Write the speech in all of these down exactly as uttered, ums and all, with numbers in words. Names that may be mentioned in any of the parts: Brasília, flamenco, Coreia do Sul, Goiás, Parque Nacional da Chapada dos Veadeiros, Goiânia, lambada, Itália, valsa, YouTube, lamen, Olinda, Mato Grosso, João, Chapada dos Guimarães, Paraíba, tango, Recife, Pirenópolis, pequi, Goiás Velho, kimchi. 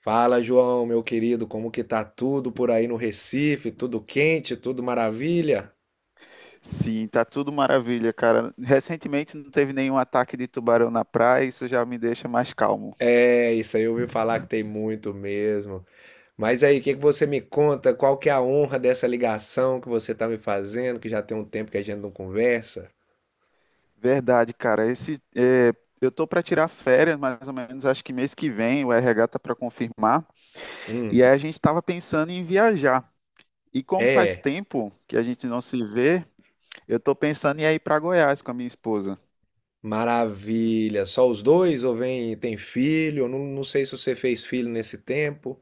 Fala, João, meu querido, como que tá tudo por aí no Recife? Tudo quente, tudo maravilha? Sim, tá tudo maravilha, cara. Recentemente não teve nenhum ataque de tubarão na praia, isso já me deixa mais calmo. É, isso aí eu ouvi falar que tem muito mesmo. Mas aí, o que que você me conta? Qual que é a honra dessa ligação que você tá me fazendo, que já tem um tempo que a gente não conversa? Verdade, cara. Esse, é, eu tô para tirar férias, mais ou menos, acho que mês que vem, o R H tá para confirmar. Hum. E aí a gente tava pensando em viajar. E como faz É. tempo que a gente não se vê, eu tô pensando em ir para Goiás com a minha esposa. Maravilha. Só os dois ou vem, tem filho? Eu Não, não sei se você fez filho nesse tempo.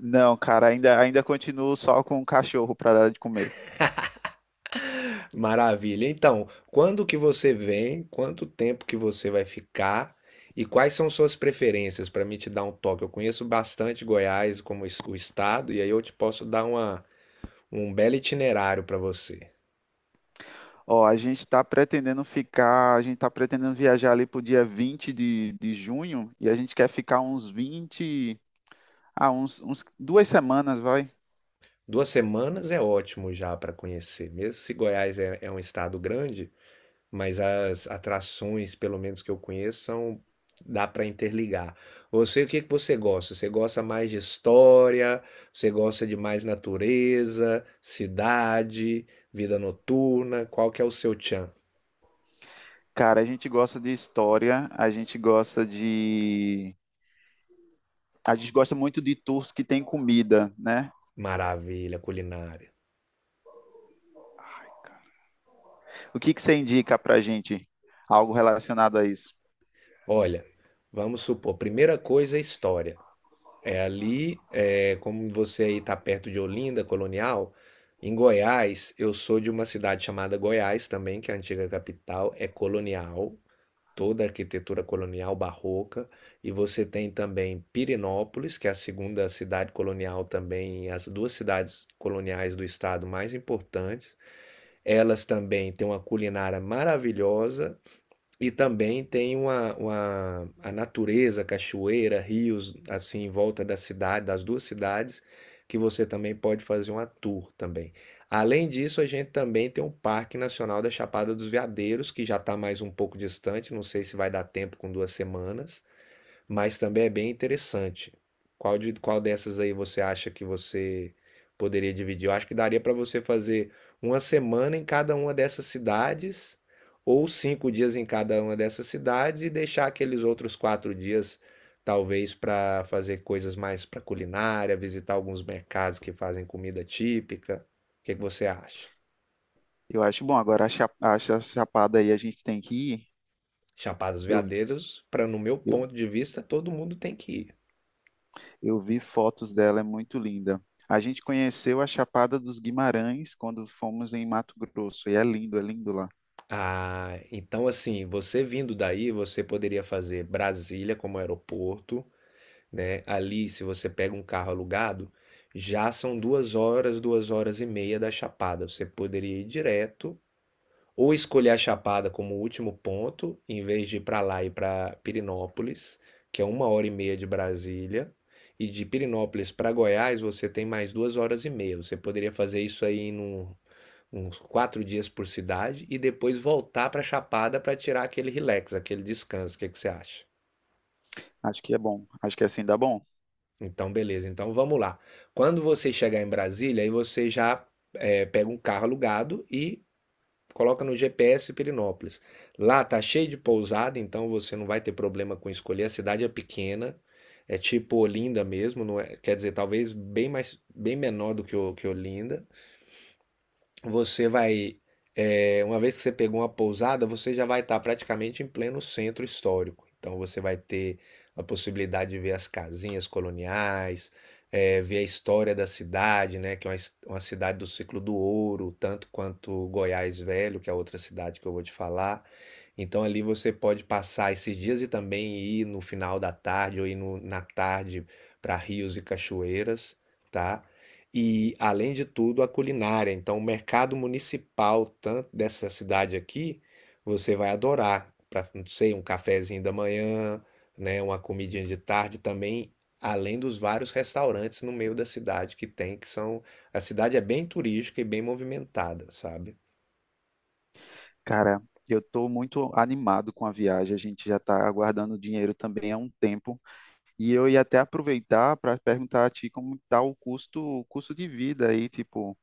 Não, cara, ainda ainda continuo só com o cachorro para dar de comer. Maravilha. Então, quando que você vem? Quanto tempo que você vai ficar? E quais são suas preferências para me te dar um toque? Eu conheço bastante Goiás como es- o estado e aí eu te posso dar uma, um belo itinerário para você. Ó, a gente está pretendendo ficar, a gente está pretendendo viajar ali pro dia vinte de, de junho e a gente quer ficar uns vinte ah, uns, uns duas semanas, vai. Duas semanas é ótimo já para conhecer, mesmo se Goiás é, é um estado grande, mas as atrações, pelo menos que eu conheço, são dá para interligar. Você, o que que você gosta? Você gosta mais de história? Você gosta de mais natureza, cidade, vida noturna? Qual que é o seu tchan? Cara, a gente gosta de história, a gente gosta de, a gente gosta muito de tours que tem comida, né? Maravilha, culinária. O que que você indica pra gente? Algo relacionado a isso? Olha, vamos supor, primeira coisa é história. É ali, é, como você aí está perto de Olinda, colonial, em Goiás, eu sou de uma cidade chamada Goiás também, que é a antiga capital, é colonial, toda a arquitetura colonial barroca, e você tem também Pirenópolis, que é a segunda cidade colonial também, as duas cidades coloniais do estado mais importantes. Elas também têm uma culinária maravilhosa e também tem uma, uma- a natureza, cachoeira, rios, assim, em volta da cidade, das duas cidades, que você também pode fazer uma tour também. Além disso, a gente também tem o Parque Nacional da Chapada dos Veadeiros, que já está mais um pouco distante, não sei se vai dar tempo com duas semanas, mas também é bem interessante. Qual de, qual dessas aí você acha que você poderia dividir? Eu acho que daria para você fazer uma semana em cada uma dessas cidades, ou cinco dias em cada uma dessas cidades, e deixar aqueles outros quatro dias, talvez, para fazer coisas mais para culinária, visitar alguns mercados que fazem comida típica. O que que você acha? Eu acho bom, agora a cha- a cha- Chapada aí a gente tem que ir. Chapada dos Veadeiros, para no meu Eu, ponto de vista, todo mundo tem que ir. Eu vi fotos dela, é muito linda. A gente conheceu a Chapada dos Guimarães quando fomos em Mato Grosso, e é lindo, é lindo lá. Ah, então assim, você vindo daí, você poderia fazer Brasília como aeroporto, né? Ali, se você pega um carro alugado, já são duas horas, duas horas e meia da Chapada. Você poderia ir direto, ou escolher a Chapada como último ponto, em vez de ir para lá e para Pirinópolis, que é uma hora e meia de Brasília. E de Pirinópolis para Goiás, você tem mais duas horas e meia. Você poderia fazer isso aí num, uns quatro dias por cidade e depois voltar para Chapada para tirar aquele relax, aquele descanso. O que que você acha? Acho que é bom, acho que assim dá bom. Então, beleza. Então, vamos lá. Quando você chegar em Brasília, aí você já eh, pega um carro alugado e coloca no G P S Pirinópolis. Lá tá cheio de pousada, então você não vai ter problema com escolher. A cidade é pequena, é tipo Olinda mesmo, não é- quer dizer, talvez bem mais, bem menor do que, o- que Olinda. Você vai, é, uma vez que você pegou uma pousada, você já vai estar praticamente em pleno centro histórico. Então você vai ter a possibilidade de ver as casinhas coloniais, é, ver a história da cidade, né? Que é uma, his- uma cidade do ciclo do ouro, tanto quanto Goiás Velho, que é a outra cidade que eu vou te falar. Então ali você pode passar esses dias e também ir no final da tarde ou ir no- na tarde para rios e cachoeiras, tá? E, além de tudo, a culinária. Então, o mercado municipal tanto dessa cidade aqui, você vai adorar. Para, não sei, um cafezinho da manhã, né, uma comidinha de tarde também, além dos vários restaurantes no meio da cidade que tem, que são... A cidade é bem turística e bem movimentada, sabe? Cara, eu estou muito animado com a viagem, a gente já está aguardando o dinheiro também há um tempo, e eu ia até aproveitar para perguntar a ti como está o custo, o custo de vida aí, tipo,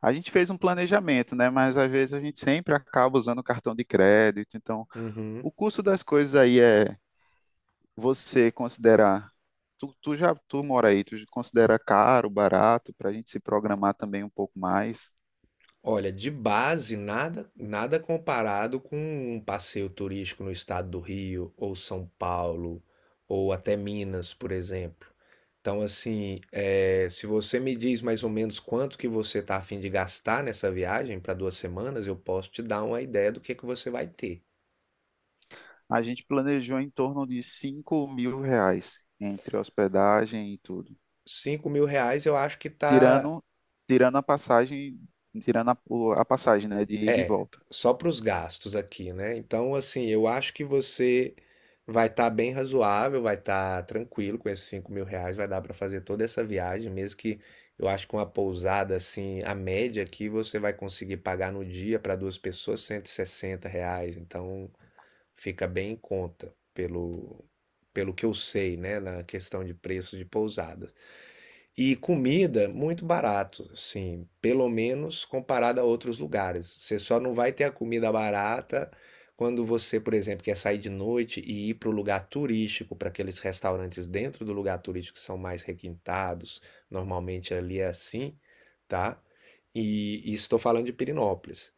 a gente fez um planejamento, né, mas às vezes a gente sempre acaba usando cartão de crédito, então Uhum. o custo das coisas aí é você considerar, tu, tu já tu mora aí, tu considera caro, barato, para a gente se programar também um pouco mais. Olha, de base, nada, nada comparado com um passeio turístico no estado do Rio, ou São Paulo, ou até Minas, por exemplo. Então, assim, eh, se você me diz mais ou menos quanto que você está a fim de gastar nessa viagem para duas semanas, eu posso te dar uma ideia do que que você vai ter. A gente planejou em torno de cinco mil reais entre hospedagem e tudo, Cinco mil reais eu acho que tá. tirando tirando a passagem, tirando a, o- a passagem, né, de ida e É, volta. só para os gastos aqui, né? Então, assim, eu acho que você vai estar bem razoável, vai estar tranquilo com esses cinco mil reais, vai dar para fazer toda essa viagem, mesmo que eu acho que uma pousada, assim, a média aqui você vai conseguir pagar no dia para duas pessoas cento e sessenta reais. Então. Fica bem em conta, pelo, pelo que eu sei, né, na questão de preço de pousadas. E comida muito barato, assim, pelo menos comparado a outros lugares. Você só não vai ter a comida barata quando você, por exemplo, quer sair de noite e ir para o lugar turístico, para aqueles restaurantes dentro do lugar turístico que são mais requintados. Normalmente ali é assim, tá? E, e estou falando de Pirinópolis.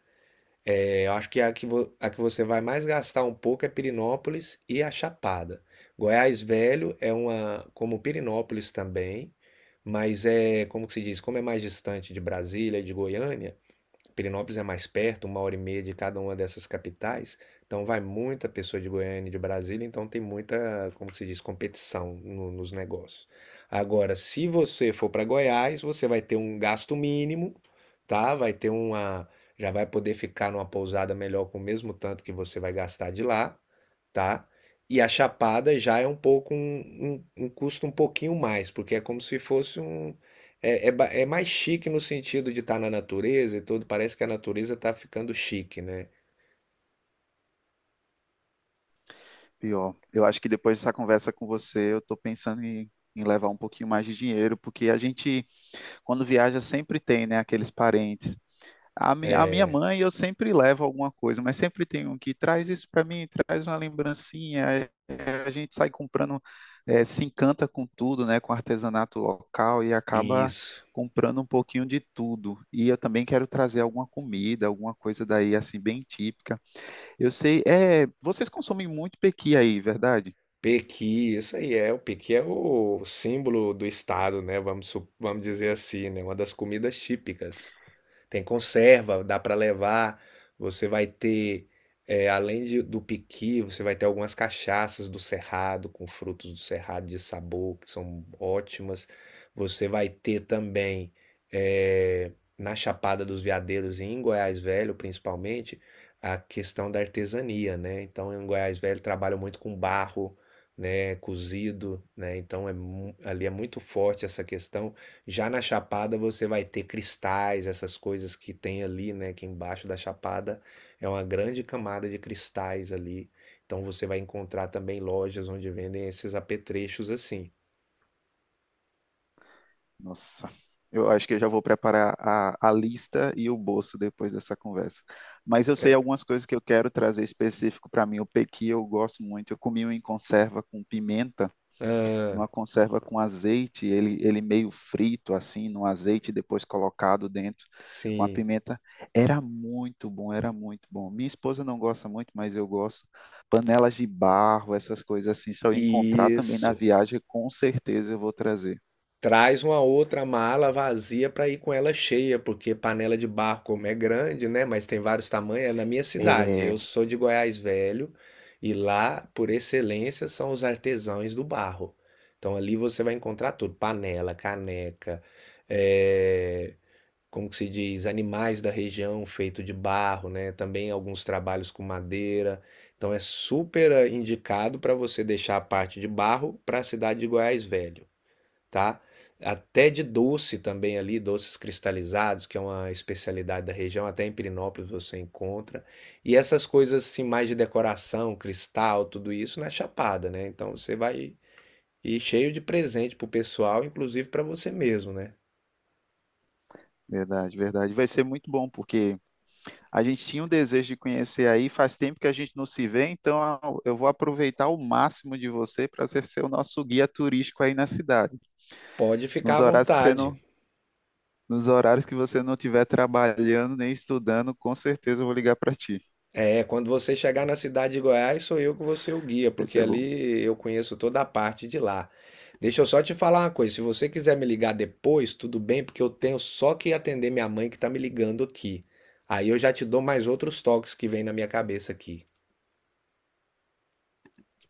É, eu acho que a que, vo- a que você vai mais gastar um pouco é Pirinópolis e a Chapada. Goiás Velho é uma, como Pirinópolis também, mas é, como que se diz, como é mais distante de Brasília e de Goiânia, Pirinópolis é mais perto, uma hora e meia de cada uma dessas capitais, então vai muita pessoa de Goiânia e de Brasília, então tem muita, como se diz, competição no- nos negócios. Agora, se você for para Goiás, você vai ter um gasto mínimo, tá? Vai ter uma, já vai poder ficar numa pousada melhor com o mesmo tanto que você vai gastar de lá, tá? E a Chapada já é um pouco um, um- um custo um pouquinho mais, porque é como se fosse um, é, é, ba- é mais chique no sentido de estar na natureza e tudo. Parece que a natureza está ficando chique, né? Pior, eu acho que depois dessa conversa com você, eu estou pensando em, em levar um pouquinho mais de dinheiro, porque a gente, quando viaja, sempre tem, né, aqueles parentes. A, mi, a minha É, mãe, eu sempre levo alguma coisa, mas sempre tem um que traz isso para mim, traz uma lembrancinha. é, A gente sai comprando, é, se encanta com tudo, né, com artesanato local e acaba isso. comprando um pouquinho de tudo. E eu também quero trazer alguma comida, alguma coisa daí assim bem típica. Eu sei, é, vocês consomem muito pequi aí, verdade? Pequi, isso aí é. O pequi é o símbolo do estado, né? Vamos, su- vamos dizer assim, né? Uma das comidas típicas. Tem conserva, dá para levar. Você vai ter, é, além de- do piqui, você vai ter algumas cachaças do cerrado, com frutos do cerrado de sabor, que são ótimas. Você vai ter também, é, na Chapada dos Veadeiros e em Goiás Velho, principalmente, a questão da artesania, né? Então, em Goiás Velho, trabalham muito com barro, né? Cozido, né? Então, é, mu- ali é muito forte essa questão. Já na Chapada você vai ter cristais, essas coisas que tem ali, né? Que embaixo da Chapada é uma grande camada de cristais ali. Então você vai encontrar também lojas onde vendem esses apetrechos assim. Nossa, eu acho que eu já vou preparar a, a lista e o bolso depois dessa conversa. Mas eu sei É. algumas coisas que eu quero trazer específico para mim. O pequi eu gosto muito. Eu comi um em conserva com pimenta, Ah, numa conserva com azeite, ele, ele meio frito assim, no azeite depois colocado dentro com a sim. pimenta. Era muito bom, era muito bom. Minha esposa não gosta muito, mas eu gosto. Panelas de barro, essas coisas assim, se eu encontrar também na Isso. viagem, com certeza eu vou trazer. Traz uma outra mala vazia para ir com ela cheia, porque panela de barro, como é grande, né? Mas tem vários tamanhos, é na minha cidade. É, Eu sou de Goiás Velho e lá, por excelência, são os artesãos do barro. Então ali você vai encontrar tudo: panela, caneca, eh, como que se diz, animais da região feito de barro, né? Também alguns trabalhos com madeira. Então é super eh, indicado para você deixar a parte de barro para a cidade de Goiás Velho, tá? Até de doce também ali, doces cristalizados, que é uma especialidade da região, até em Pirinópolis você encontra. E essas coisas assim, mais de decoração, cristal, tudo isso na Chapada, né? Então você vai ir cheio de presente pro pessoal, inclusive para você mesmo, né? verdade, verdade. Vai ser muito bom, porque a gente tinha um desejo de conhecer aí, faz tempo que a gente não se vê, então a- eu vou aproveitar o máximo de você para ser ser o nosso guia turístico aí na cidade. Pode ficar Nos à horários que você vontade. não, nos horários que você não estiver trabalhando nem estudando, com certeza eu vou ligar para ti. É, quando você chegar na cidade de Goiás, sou eu que vou ser o guia, Vai porque ser bom. ali eu conheço toda a parte de lá. Deixa eu só te falar uma coisa, se você quiser me ligar depois, tudo bem, porque eu tenho só que atender minha mãe que tá me ligando aqui. Aí eu já te dou mais outros toques que vem na minha cabeça aqui.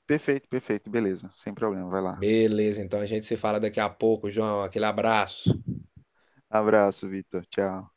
Perfeito, perfeito, beleza, sem problema, vai lá. Beleza, então a gente se fala daqui a pouco, João. Aquele abraço. Abraço, Vitor. Tchau.